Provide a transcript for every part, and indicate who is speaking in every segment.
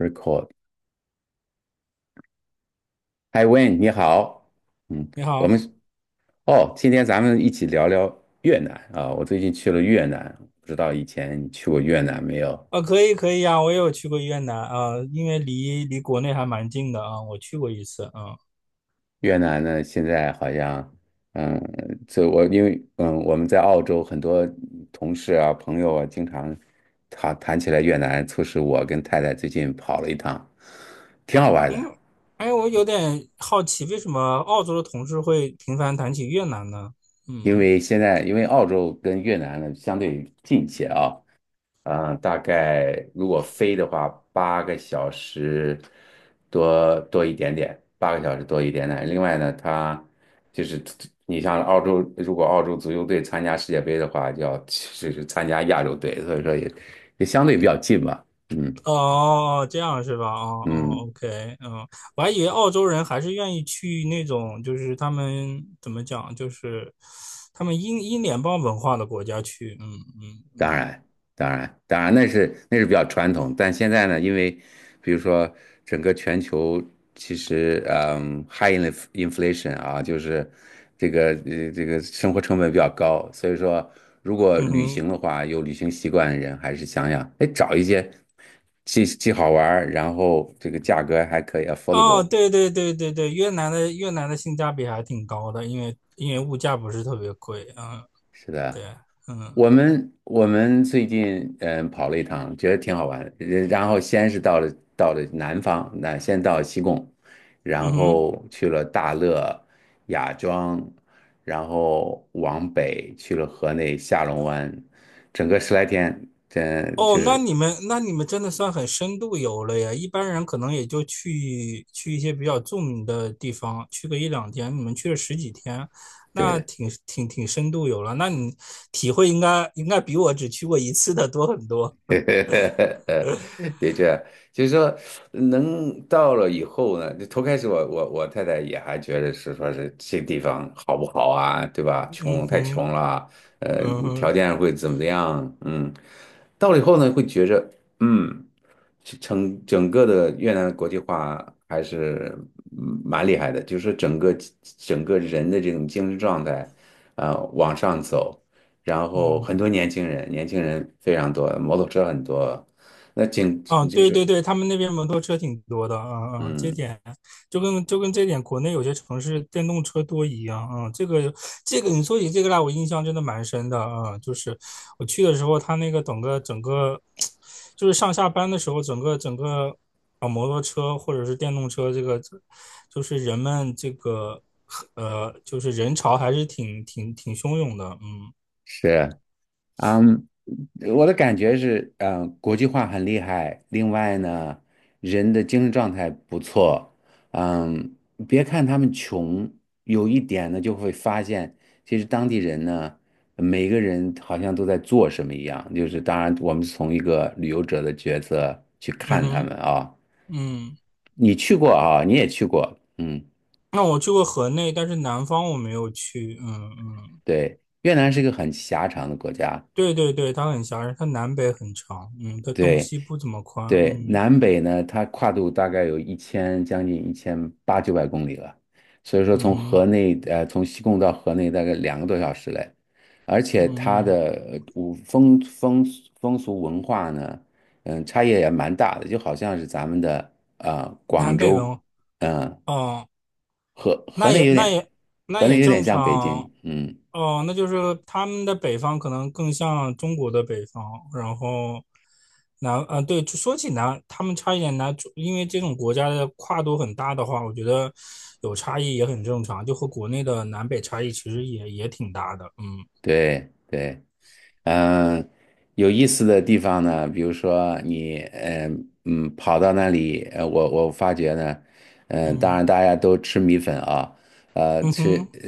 Speaker 1: Record，h 嗨 w a y n 你好，嗯。
Speaker 2: 你
Speaker 1: 我
Speaker 2: 好。
Speaker 1: 们哦，今天咱们一起聊聊越南啊。我最近去了越南，不知道以前你去过越南没有？
Speaker 2: 啊，可以呀、我也有去过越南啊，因为离国内还蛮近的啊，我去过一次啊。
Speaker 1: 越南呢，现在好像，嗯，这我因为我们在澳洲很多同事啊朋友啊，经常谈起来越南，促使我跟太太最近跑了一趟，挺好玩的。
Speaker 2: 嗯。哎，我有点好奇，为什么澳洲的同事会频繁谈起越南呢？
Speaker 1: 因
Speaker 2: 嗯。
Speaker 1: 为现在因为澳洲跟越南呢相对近一些啊。嗯，大概如果飞的话，八个小时多一点点，八个小时多一点点。另外呢，它就是你像澳洲，如果澳洲足球队参加世界杯的话，就要就是参加亚洲队，所以说也相对比较近吧。嗯
Speaker 2: 哦，这样是吧？哦哦
Speaker 1: 嗯。
Speaker 2: ，OK,嗯。我还以为澳洲人还是愿意去那种，就是他们怎么讲，就是他们英联邦文化的国家去。嗯嗯
Speaker 1: 当
Speaker 2: 嗯。
Speaker 1: 然，当然，当然，那是比较传统，但现在呢，因为比如说整个全球其实，high inflation 啊，就是这个生活成本比较高，所以说如果
Speaker 2: 嗯
Speaker 1: 旅
Speaker 2: 哼。
Speaker 1: 行的话，有旅行习惯的人还是想想，哎，找一些既好玩儿然后这个价格还可以
Speaker 2: 哦，
Speaker 1: affordable。
Speaker 2: 对对对对对，越南的性价比还挺高的，因为因为物价不是特别贵，嗯。
Speaker 1: 是
Speaker 2: 对。
Speaker 1: 的，
Speaker 2: 嗯。
Speaker 1: 我们最近跑了一趟，觉得挺好玩的。然后先是到了南方，那先到西贡，然
Speaker 2: 嗯哼。
Speaker 1: 后去了大乐、雅庄，然后往北去了河内下龙湾，整个十来天，真就
Speaker 2: 哦，那
Speaker 1: 是
Speaker 2: 你们那你们真的算很深度游了呀，一般人可能也就去去一些比较著名的地方，去个一两天，你们去了十几天，那
Speaker 1: 对，
Speaker 2: 挺深度游了。那你体会应该应该比我只去过一次的多很多。
Speaker 1: 对，的确，就是说，能到了以后呢，就头开始我太太也还觉得是说是这地方好不好啊，对吧？
Speaker 2: 嗯
Speaker 1: 穷太
Speaker 2: 哼。
Speaker 1: 穷了，呃，
Speaker 2: 嗯
Speaker 1: 条
Speaker 2: 哼。
Speaker 1: 件会怎么样？嗯，到了以后呢，会觉着，嗯，整个的越南的国际化还是蛮厉害的，就是整个人的这种精神状态，啊、往上走。然后很
Speaker 2: 嗯。
Speaker 1: 多年轻人，年轻人非常多，摩托车很多，那景
Speaker 2: 啊，
Speaker 1: 就
Speaker 2: 对对
Speaker 1: 是
Speaker 2: 对，他们那边摩托车挺多的，啊啊，这
Speaker 1: 嗯
Speaker 2: 点就跟这点国内有些城市电动车多一样，嗯。这个你说起这个来，我印象真的蛮深的。啊，就是我去的时候，他那个整个就是上下班的时候，整个啊摩托车或者是电动车，这个就是人们这个就是人潮还是挺汹涌的。嗯。
Speaker 1: 是嗯，我的感觉是，国际化很厉害，另外呢，人的精神状态不错，嗯，别看他们穷，有一点呢就会发现，其实当地人呢。每个人好像都在做什么一样，就是当然，我们从一个旅游者的角色去
Speaker 2: 嗯
Speaker 1: 看他们
Speaker 2: 哼。
Speaker 1: 啊。
Speaker 2: 嗯。
Speaker 1: 你去过啊，你也去过，嗯。
Speaker 2: 那我去过河内，但是南方我没有去。嗯嗯。
Speaker 1: 对，越南是一个很狭长的国家，
Speaker 2: 对对对，它很狭窄，它南北很长，嗯，它东
Speaker 1: 对
Speaker 2: 西不怎么宽。
Speaker 1: 对，
Speaker 2: 嗯。
Speaker 1: 南北呢，它跨度大概有一千将近一千八九百公里了，所以说
Speaker 2: 嗯哼。
Speaker 1: 从西贡到河内大概2个多小时嘞，而且它
Speaker 2: 嗯。
Speaker 1: 的五风风风俗文化呢，差异也蛮大的，就好像是咱们的啊、
Speaker 2: 南
Speaker 1: 广
Speaker 2: 北
Speaker 1: 州，
Speaker 2: 文。
Speaker 1: 嗯、
Speaker 2: 哦，
Speaker 1: 河河
Speaker 2: 那
Speaker 1: 内
Speaker 2: 也
Speaker 1: 有
Speaker 2: 那
Speaker 1: 点，
Speaker 2: 也那
Speaker 1: 河内
Speaker 2: 也
Speaker 1: 有点
Speaker 2: 正
Speaker 1: 像北
Speaker 2: 常。
Speaker 1: 京，嗯，
Speaker 2: 哦，那就是他们的北方可能更像中国的北方，然后南，啊，对，就说起南，他们差一点南，因为这种国家的跨度很大的话，我觉得有差异也很正常，就和国内的南北差异其实也挺大的。嗯
Speaker 1: 对对。嗯，有意思的地方呢，比如说你，跑到那里，我发觉呢，当
Speaker 2: 嗯。
Speaker 1: 然大家都吃米粉啊，
Speaker 2: 嗯
Speaker 1: 吃，
Speaker 2: 哼。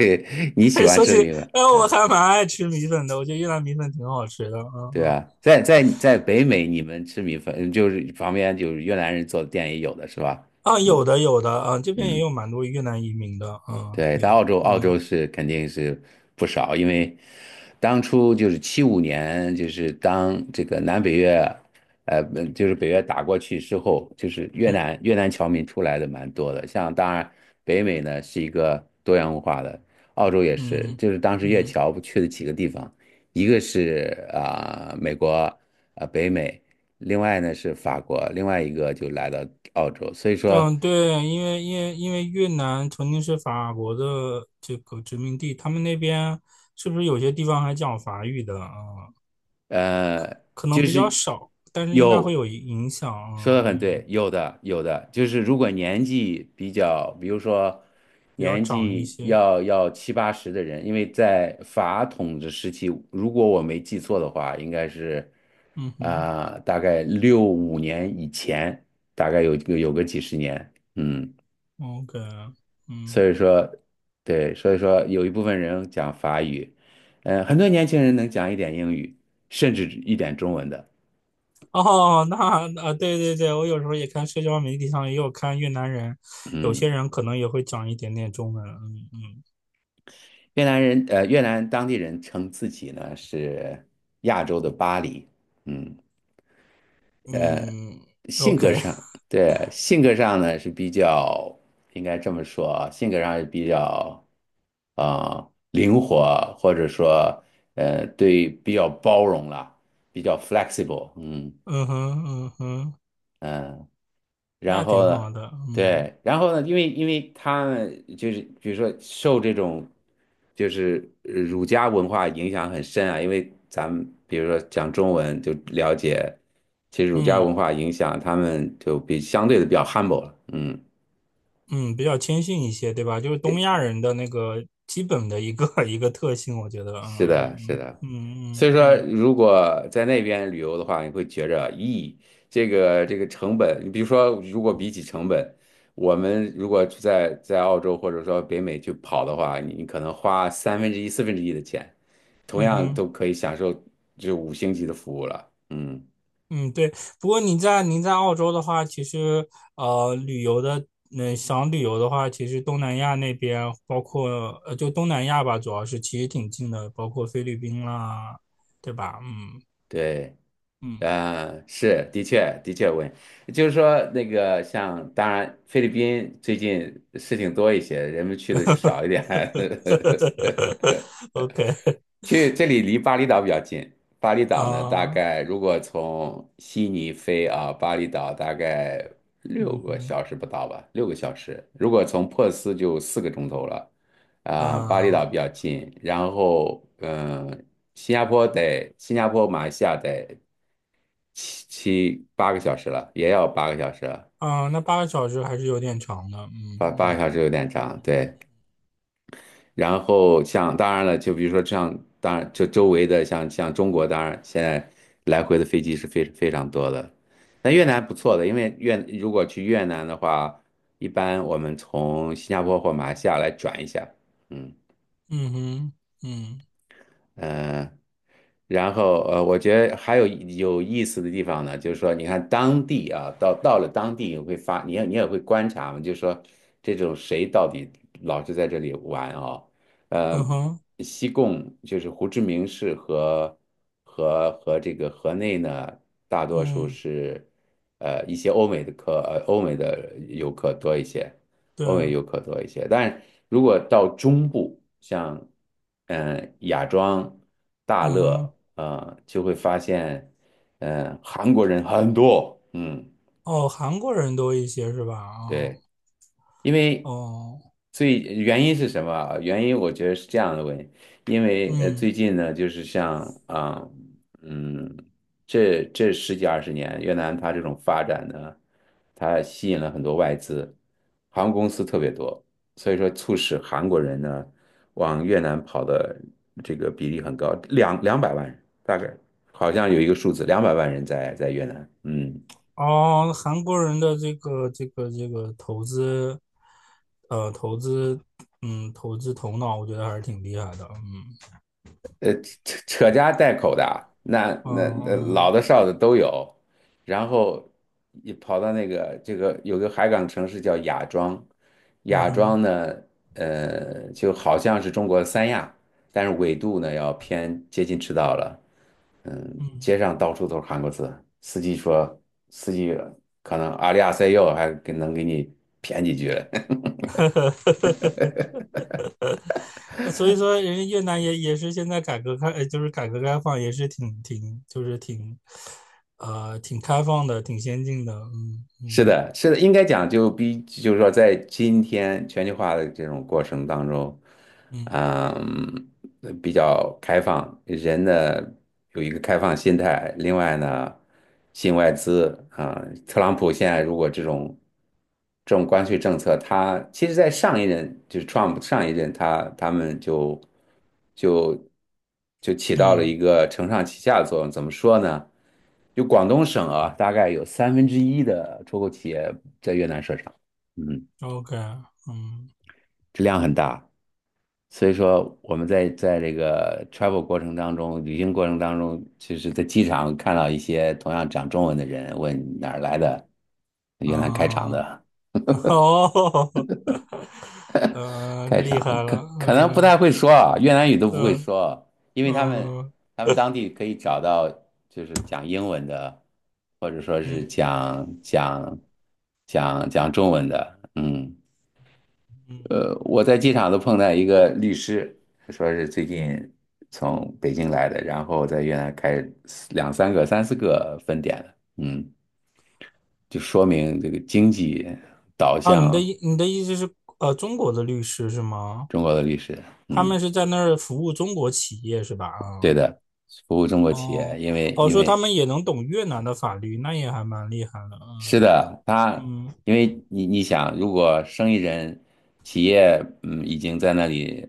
Speaker 1: 你喜 欢
Speaker 2: 说
Speaker 1: 吃
Speaker 2: 起，
Speaker 1: 米粉，
Speaker 2: 哎，我还蛮爱吃米粉的，我觉得越南米粉挺好吃的。嗯。
Speaker 1: 对
Speaker 2: 嗯。
Speaker 1: 吧？在北美，你们吃米粉，就是旁边就是越南人做的店也有的是吧？
Speaker 2: 啊，有
Speaker 1: 嗯
Speaker 2: 的有的，啊，这边也
Speaker 1: 嗯。
Speaker 2: 有蛮多越南移民的，嗯，
Speaker 1: 对，在
Speaker 2: 有。
Speaker 1: 澳洲，澳
Speaker 2: 嗯。
Speaker 1: 洲是肯定是不少，因为当初就是七五年，就是当这个南北越，不就是北越打过去之后，就是越南侨民出来的蛮多的。像当然北美呢是一个多元文化的，澳洲也
Speaker 2: 嗯
Speaker 1: 是，
Speaker 2: 哼。
Speaker 1: 就是当时越
Speaker 2: 嗯。
Speaker 1: 侨不去的几个地方，一个是啊、美国啊、北美，另外呢是法国，另外一个就来到澳洲，所以说。
Speaker 2: 嗯。对，因为越南曾经是法国的这个殖民地，他们那边是不是有些地方还讲法语的啊？
Speaker 1: 呃，
Speaker 2: 可能
Speaker 1: 就
Speaker 2: 比较
Speaker 1: 是
Speaker 2: 少，但是应该会
Speaker 1: 有，
Speaker 2: 有影响。
Speaker 1: 说的很对，
Speaker 2: 嗯。
Speaker 1: 有的有的，就是如果年纪比较，比如说
Speaker 2: 比较
Speaker 1: 年
Speaker 2: 长一
Speaker 1: 纪
Speaker 2: 些。
Speaker 1: 要七八十的人，因为在法统治时期，如果我没记错的话，应该是
Speaker 2: 嗯哼
Speaker 1: 啊、大概六五年以前，大概有个几十年，
Speaker 2: ，OK。
Speaker 1: 所
Speaker 2: 嗯。
Speaker 1: 以说对，所以说有一部分人讲法语，很多年轻人能讲一点英语，甚至一点中文的。
Speaker 2: 哦，那啊，对对对，我有时候也看社交媒体上也有看越南人，有些
Speaker 1: 嗯，
Speaker 2: 人可能也会讲一点点中文。嗯嗯。
Speaker 1: 越南当地人称自己呢是亚洲的巴黎。嗯，呃，
Speaker 2: 嗯
Speaker 1: 性格
Speaker 2: ，OK。
Speaker 1: 上，对，性格上呢是比较，应该这么说啊性格上是比较，啊、灵活，或者说，对，比较包容了，比较 flexible。嗯
Speaker 2: 嗯哼嗯哼。
Speaker 1: 嗯、呃然
Speaker 2: 那
Speaker 1: 后
Speaker 2: 挺
Speaker 1: 呢，
Speaker 2: 好的。嗯
Speaker 1: 对，然后呢，因为他们就是比如说受这种就是儒家文化影响很深啊，因为咱们比如说讲中文就了解，其实儒家
Speaker 2: 嗯。
Speaker 1: 文化影响他们就比相对的比较 humble 了，嗯。
Speaker 2: 嗯，比较谦逊一些，对吧？就是东亚人的那个基本的一个 一个特性，我觉得。嗯
Speaker 1: 是的，是
Speaker 2: 嗯
Speaker 1: 的，所以
Speaker 2: 嗯嗯
Speaker 1: 说，
Speaker 2: 嗯。
Speaker 1: 如果在那边旅游的话，你会觉着，咦，这个成本，你比如说，如果比起成本，我们如果在澳洲或者说北美去跑的话，你可能花三分之一、四分之一的钱，同
Speaker 2: 嗯
Speaker 1: 样
Speaker 2: 哼。
Speaker 1: 都可以享受这五星级的服务了。嗯，
Speaker 2: 嗯。对。不过您在澳洲的话，其实呃，旅游的，嗯、想旅游的话，其实东南亚那边，包括就东南亚吧，主要是其实挺近的，包括菲律宾啦，对吧？嗯。
Speaker 1: 对。
Speaker 2: 嗯
Speaker 1: 啊，是，的确，的确问，就是说那个像，当然菲律宾最近事情多一些，人们去的就少一点。
Speaker 2: ，OK
Speaker 1: 去这里离巴厘岛比较近，巴厘岛呢，大
Speaker 2: 啊。
Speaker 1: 概如果从悉尼飞啊，巴厘岛大概六
Speaker 2: 嗯
Speaker 1: 个
Speaker 2: 哼。
Speaker 1: 小时不到吧，六个小时。如果从珀斯就4个钟头了，啊、巴厘岛
Speaker 2: 啊
Speaker 1: 比较近，然后新加坡得，新加坡、马来西亚得。七八个小时了，也要八个小时了，
Speaker 2: 啊，那八个小时还是有点长的。
Speaker 1: 八
Speaker 2: 嗯。
Speaker 1: 个小时有点长，
Speaker 2: 嗯。
Speaker 1: 对。然后像当然了，就比如说像当然就周围的像中国，当然现在来回的飞机是非常多的。那越南不错的，因为如果去越南的话，一般我们从新加坡或马来西亚来转一下，嗯。
Speaker 2: 嗯哼。嗯。
Speaker 1: 嗯，然后我觉得还有有意思的地方呢，就是说，你看当地啊，到了当地你也会观察嘛，就是说这种谁到底老是在这里玩啊？
Speaker 2: 嗯
Speaker 1: 呃，
Speaker 2: 哼。
Speaker 1: 西贡就是胡志明市和这个河内呢，大多数
Speaker 2: 嗯，
Speaker 1: 是一些欧美的客呃欧美的游客多一些，
Speaker 2: 对
Speaker 1: 欧美
Speaker 2: 啊。
Speaker 1: 游客多一些。但如果到中部，像嗯、雅庄、大
Speaker 2: 嗯
Speaker 1: 乐，
Speaker 2: 哼。
Speaker 1: 就会发现，韩国人很多，嗯，
Speaker 2: 哦，韩国人多一些是吧？啊。
Speaker 1: 对。因为
Speaker 2: 哦。
Speaker 1: 最原因是什么啊？原因我觉得是这样的问题，因为
Speaker 2: 嗯。
Speaker 1: 最近呢，就是像啊，嗯，这十几二十年，越南它这种发展呢，它吸引了很多外资，航空公司特别多，所以说促使韩国人呢往越南跑的这个比例很高，两百万人大概好像有一个数字，两百万人在越南，嗯。
Speaker 2: 哦，韩国人的这个投资，呃，投资，嗯，投资头脑，我觉得还是挺厉害的。嗯。
Speaker 1: 呃，扯家带口的，那老
Speaker 2: 嗯。
Speaker 1: 的少的都有，然后一跑到那个这个有个海港城市叫雅庄，
Speaker 2: 嗯。嗯
Speaker 1: 雅
Speaker 2: 哼。
Speaker 1: 庄呢，就好像是中国三亚，但是纬度呢要偏接近赤道了，嗯，
Speaker 2: 嗯。
Speaker 1: 街上到处都是韩国字，司机说司机可能阿里阿塞哟还给能给你谝几句了，
Speaker 2: 呃所以说，人家越南也是现在改革开放也是挺，就是挺，呃，挺开放的，挺先进的。嗯
Speaker 1: 是
Speaker 2: 嗯
Speaker 1: 的，是的，应该讲就比，就是说，在今天全球化的这种过程当中，
Speaker 2: 嗯。
Speaker 1: 嗯，比较开放，人呢有一个开放心态。另外呢，引外资啊，特朗普现在如果这种关税政策，他其实在上一任就是 Trump 上一任他们就就起到了一
Speaker 2: 嗯
Speaker 1: 个承上启下的作用。怎么说呢？就广东省啊，大概有三分之一的出口企业在越南设厂，嗯，
Speaker 2: ，OK。嗯
Speaker 1: 质量很大。所以说我们在这个 travel 过程当中，旅行过程当中，其实在机场看到一些同样讲中文的人，问你哪儿来的，越南开厂
Speaker 2: 啊。
Speaker 1: 的，
Speaker 2: 哦。呃，
Speaker 1: 开
Speaker 2: 厉
Speaker 1: 厂
Speaker 2: 害
Speaker 1: 可
Speaker 2: 了。
Speaker 1: 可能不太
Speaker 2: 嗯。
Speaker 1: 会说啊，越南语都不会
Speaker 2: 嗯。
Speaker 1: 说，因为他们
Speaker 2: 嗯。
Speaker 1: 他们当地可以找到就是讲英文的，或者说是
Speaker 2: 嗯。
Speaker 1: 讲中文的，嗯。
Speaker 2: 嗯。
Speaker 1: 我在机场都碰到一个律师，说是最近从北京来的，然后在越南开两三个、三四个分店了嗯，就说明这个经济导
Speaker 2: 啊，你的
Speaker 1: 向。
Speaker 2: 意你的意思是，呃，中国的律师是吗？
Speaker 1: 中国的律师，
Speaker 2: 他
Speaker 1: 嗯，
Speaker 2: 们是在那儿服务中国企业是吧？
Speaker 1: 对
Speaker 2: 啊。
Speaker 1: 的，服务中国企业，
Speaker 2: 哦。
Speaker 1: 因为
Speaker 2: 哦，
Speaker 1: 因
Speaker 2: 说他
Speaker 1: 为
Speaker 2: 们也能懂越南的法律，那也还蛮厉害的。
Speaker 1: 是的，他
Speaker 2: 嗯嗯。
Speaker 1: 因为你想，如果生意人企业已经在那里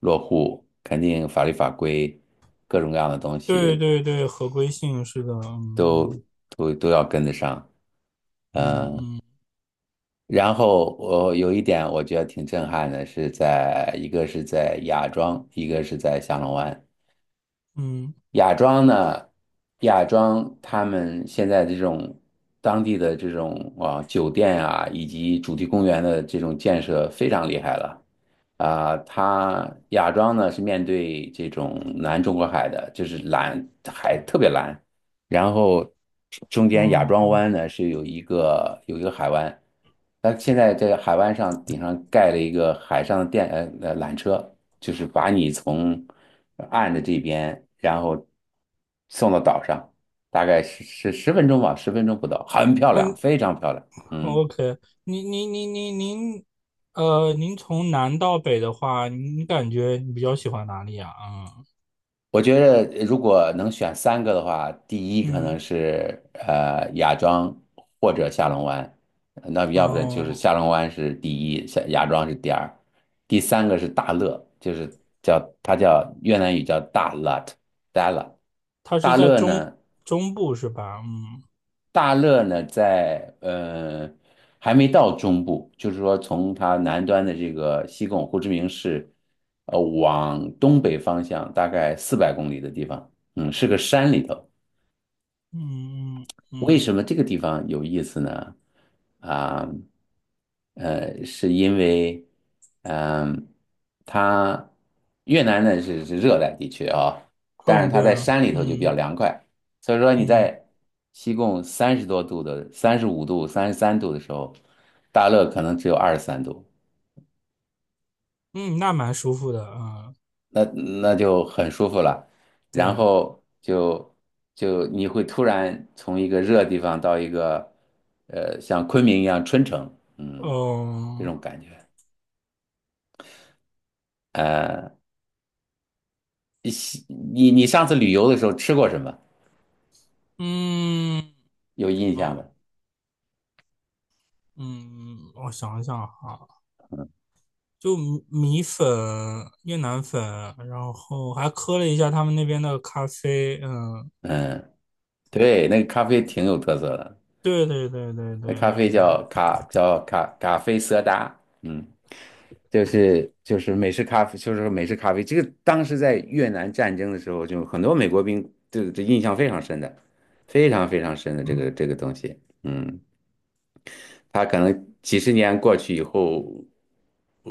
Speaker 1: 落户，肯定法律法规各种各样的东
Speaker 2: 对
Speaker 1: 西
Speaker 2: 对对，合规性是的。嗯。
Speaker 1: 都要跟得上。
Speaker 2: 嗯
Speaker 1: 嗯，
Speaker 2: 嗯
Speaker 1: 然后我有一点我觉得挺震撼的，是在一个是在芽庄，一个是在下龙湾。
Speaker 2: 嗯。
Speaker 1: 亚庄呢，亚庄他们现在这种当地的这种啊酒店啊，以及主题公园的这种建设非常厉害了。啊、它亚庄呢是面对这种南中国海的，就是蓝海特别蓝，然后中间亚
Speaker 2: 嗯，
Speaker 1: 庄
Speaker 2: 哦。
Speaker 1: 湾呢是有一个海湾，它现在这个海湾上顶上盖了一个海上的电缆车，就是把你从岸的这边，然后送到岛上，大概是十分钟吧，十分钟不到，很漂亮，
Speaker 2: 嗯。
Speaker 1: 非常漂亮。嗯，
Speaker 2: OK。您您您您您，呃，您从南到北的话，您感觉你比较喜欢哪里啊？
Speaker 1: 我觉得如果能选三个的话，第一可能
Speaker 2: 嗯。
Speaker 1: 是芽庄或者下龙湾，那
Speaker 2: 嗯。
Speaker 1: 要不然就是
Speaker 2: 哦，
Speaker 1: 下龙湾是第一，下芽庄是第二，第三个是大乐，就是叫越南语叫大 lat，大 l a
Speaker 2: 它是
Speaker 1: 大
Speaker 2: 在
Speaker 1: 乐
Speaker 2: 中
Speaker 1: 呢，
Speaker 2: 中部是吧？嗯。
Speaker 1: 大乐呢，在还没到中部，就是说从它南端的这个西贡胡志明市，往东北方向大概400公里的地方，嗯，是个山里头。
Speaker 2: 嗯
Speaker 1: 为什
Speaker 2: 嗯
Speaker 1: 么这个地方有意思呢？啊，是因为，嗯、它越南呢是热带地区啊，但
Speaker 2: 嗯。
Speaker 1: 是
Speaker 2: 嗯，
Speaker 1: 它
Speaker 2: 对
Speaker 1: 在
Speaker 2: 啊。
Speaker 1: 山里头就比较
Speaker 2: 嗯。
Speaker 1: 凉快，所以说你
Speaker 2: 嗯。
Speaker 1: 在西贡30多度的、35度、33度的时候，大乐可能只有23度，
Speaker 2: 嗯。那蛮舒服的。嗯。
Speaker 1: 那那就很舒服了。然
Speaker 2: 对。
Speaker 1: 后就你会突然从一个热地方到一个像昆明一样春城，嗯，这
Speaker 2: 哦。
Speaker 1: 种感觉。呃，你你上次旅游的时候吃过什么？
Speaker 2: 嗯。
Speaker 1: 有印象
Speaker 2: 嗯。
Speaker 1: 的？
Speaker 2: 嗯，我想一想哈。就米粉、越南粉，然后还喝了一下他们那边的咖啡。嗯。
Speaker 1: 嗯，对，那个咖啡挺有特色的。
Speaker 2: 对对对对
Speaker 1: 那
Speaker 2: 对
Speaker 1: 咖啡
Speaker 2: 对对。
Speaker 1: 叫咖啡色达，嗯，就是美式咖啡，就是美式咖啡。这个当时在越南战争的时候，就很多美国兵这印象非常深的，非常非常深的这个
Speaker 2: 嗯。
Speaker 1: 这个东西，嗯，他可能几十年过去以后，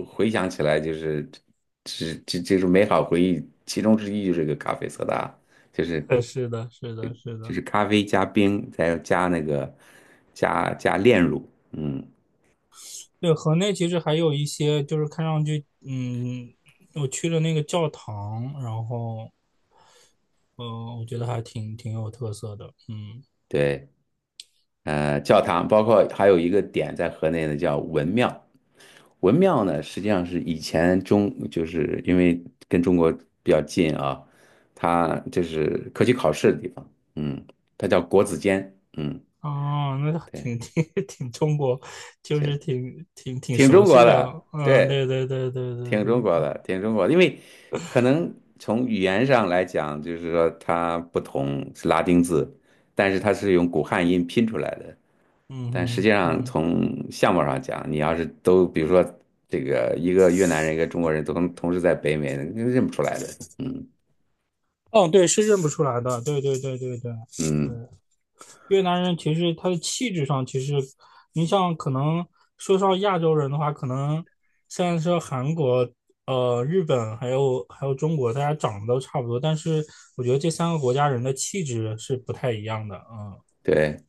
Speaker 1: 回想起来就是这种美好回忆，其中之一就是这个咖啡色达，就是
Speaker 2: 呃是的，是的，是
Speaker 1: 就
Speaker 2: 的。
Speaker 1: 是咖啡加冰，再加那个加炼乳，嗯，
Speaker 2: 对，河内其实还有一些，就是看上去，嗯，我去了那个教堂，然后，呃，我觉得还挺挺有特色的。嗯。
Speaker 1: 对。教堂，包括还有一个点在河内呢，叫文庙。文庙呢，实际上是以前中，就是因为跟中国比较近啊，它就是科举考试的地方，嗯，它叫国子监，嗯，
Speaker 2: 哦，那还
Speaker 1: 对，
Speaker 2: 挺挺 挺中国，就是
Speaker 1: 这
Speaker 2: 挺
Speaker 1: 挺
Speaker 2: 熟
Speaker 1: 中国
Speaker 2: 悉的。
Speaker 1: 的，
Speaker 2: 嗯。
Speaker 1: 对，
Speaker 2: 对对对对对
Speaker 1: 挺中国
Speaker 2: 对。
Speaker 1: 的，挺中国的，因为可能从语言上来讲，就是说它不同是拉丁字，但是它是用古汉音拼出来的。
Speaker 2: 嗯
Speaker 1: 但实际
Speaker 2: 哼。
Speaker 1: 上
Speaker 2: 嗯。
Speaker 1: 从相貌上讲，你要是都比如说这个一个越南人一个中国人都同时在北美，你认不出来的。嗯
Speaker 2: 哦，对，是认不出来的，对对对对对。对。
Speaker 1: 嗯，
Speaker 2: 越南人其实他的气质上，其实你像可能说上亚洲人的话，可能虽然说韩国、呃日本还有中国，大家长得都差不多，但是我觉得这三个国家人的气质是不太一样的。嗯。
Speaker 1: 对，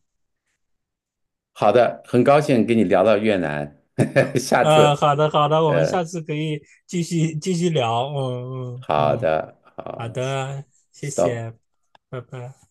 Speaker 1: 好的，很高兴跟你聊到越南，下
Speaker 2: 呃，
Speaker 1: 次
Speaker 2: 好的，好的，我们
Speaker 1: 呃，
Speaker 2: 下次可以继续聊。嗯
Speaker 1: 好
Speaker 2: 嗯嗯。
Speaker 1: 的，
Speaker 2: 好
Speaker 1: 好
Speaker 2: 的。谢
Speaker 1: ，stop。
Speaker 2: 谢。拜拜。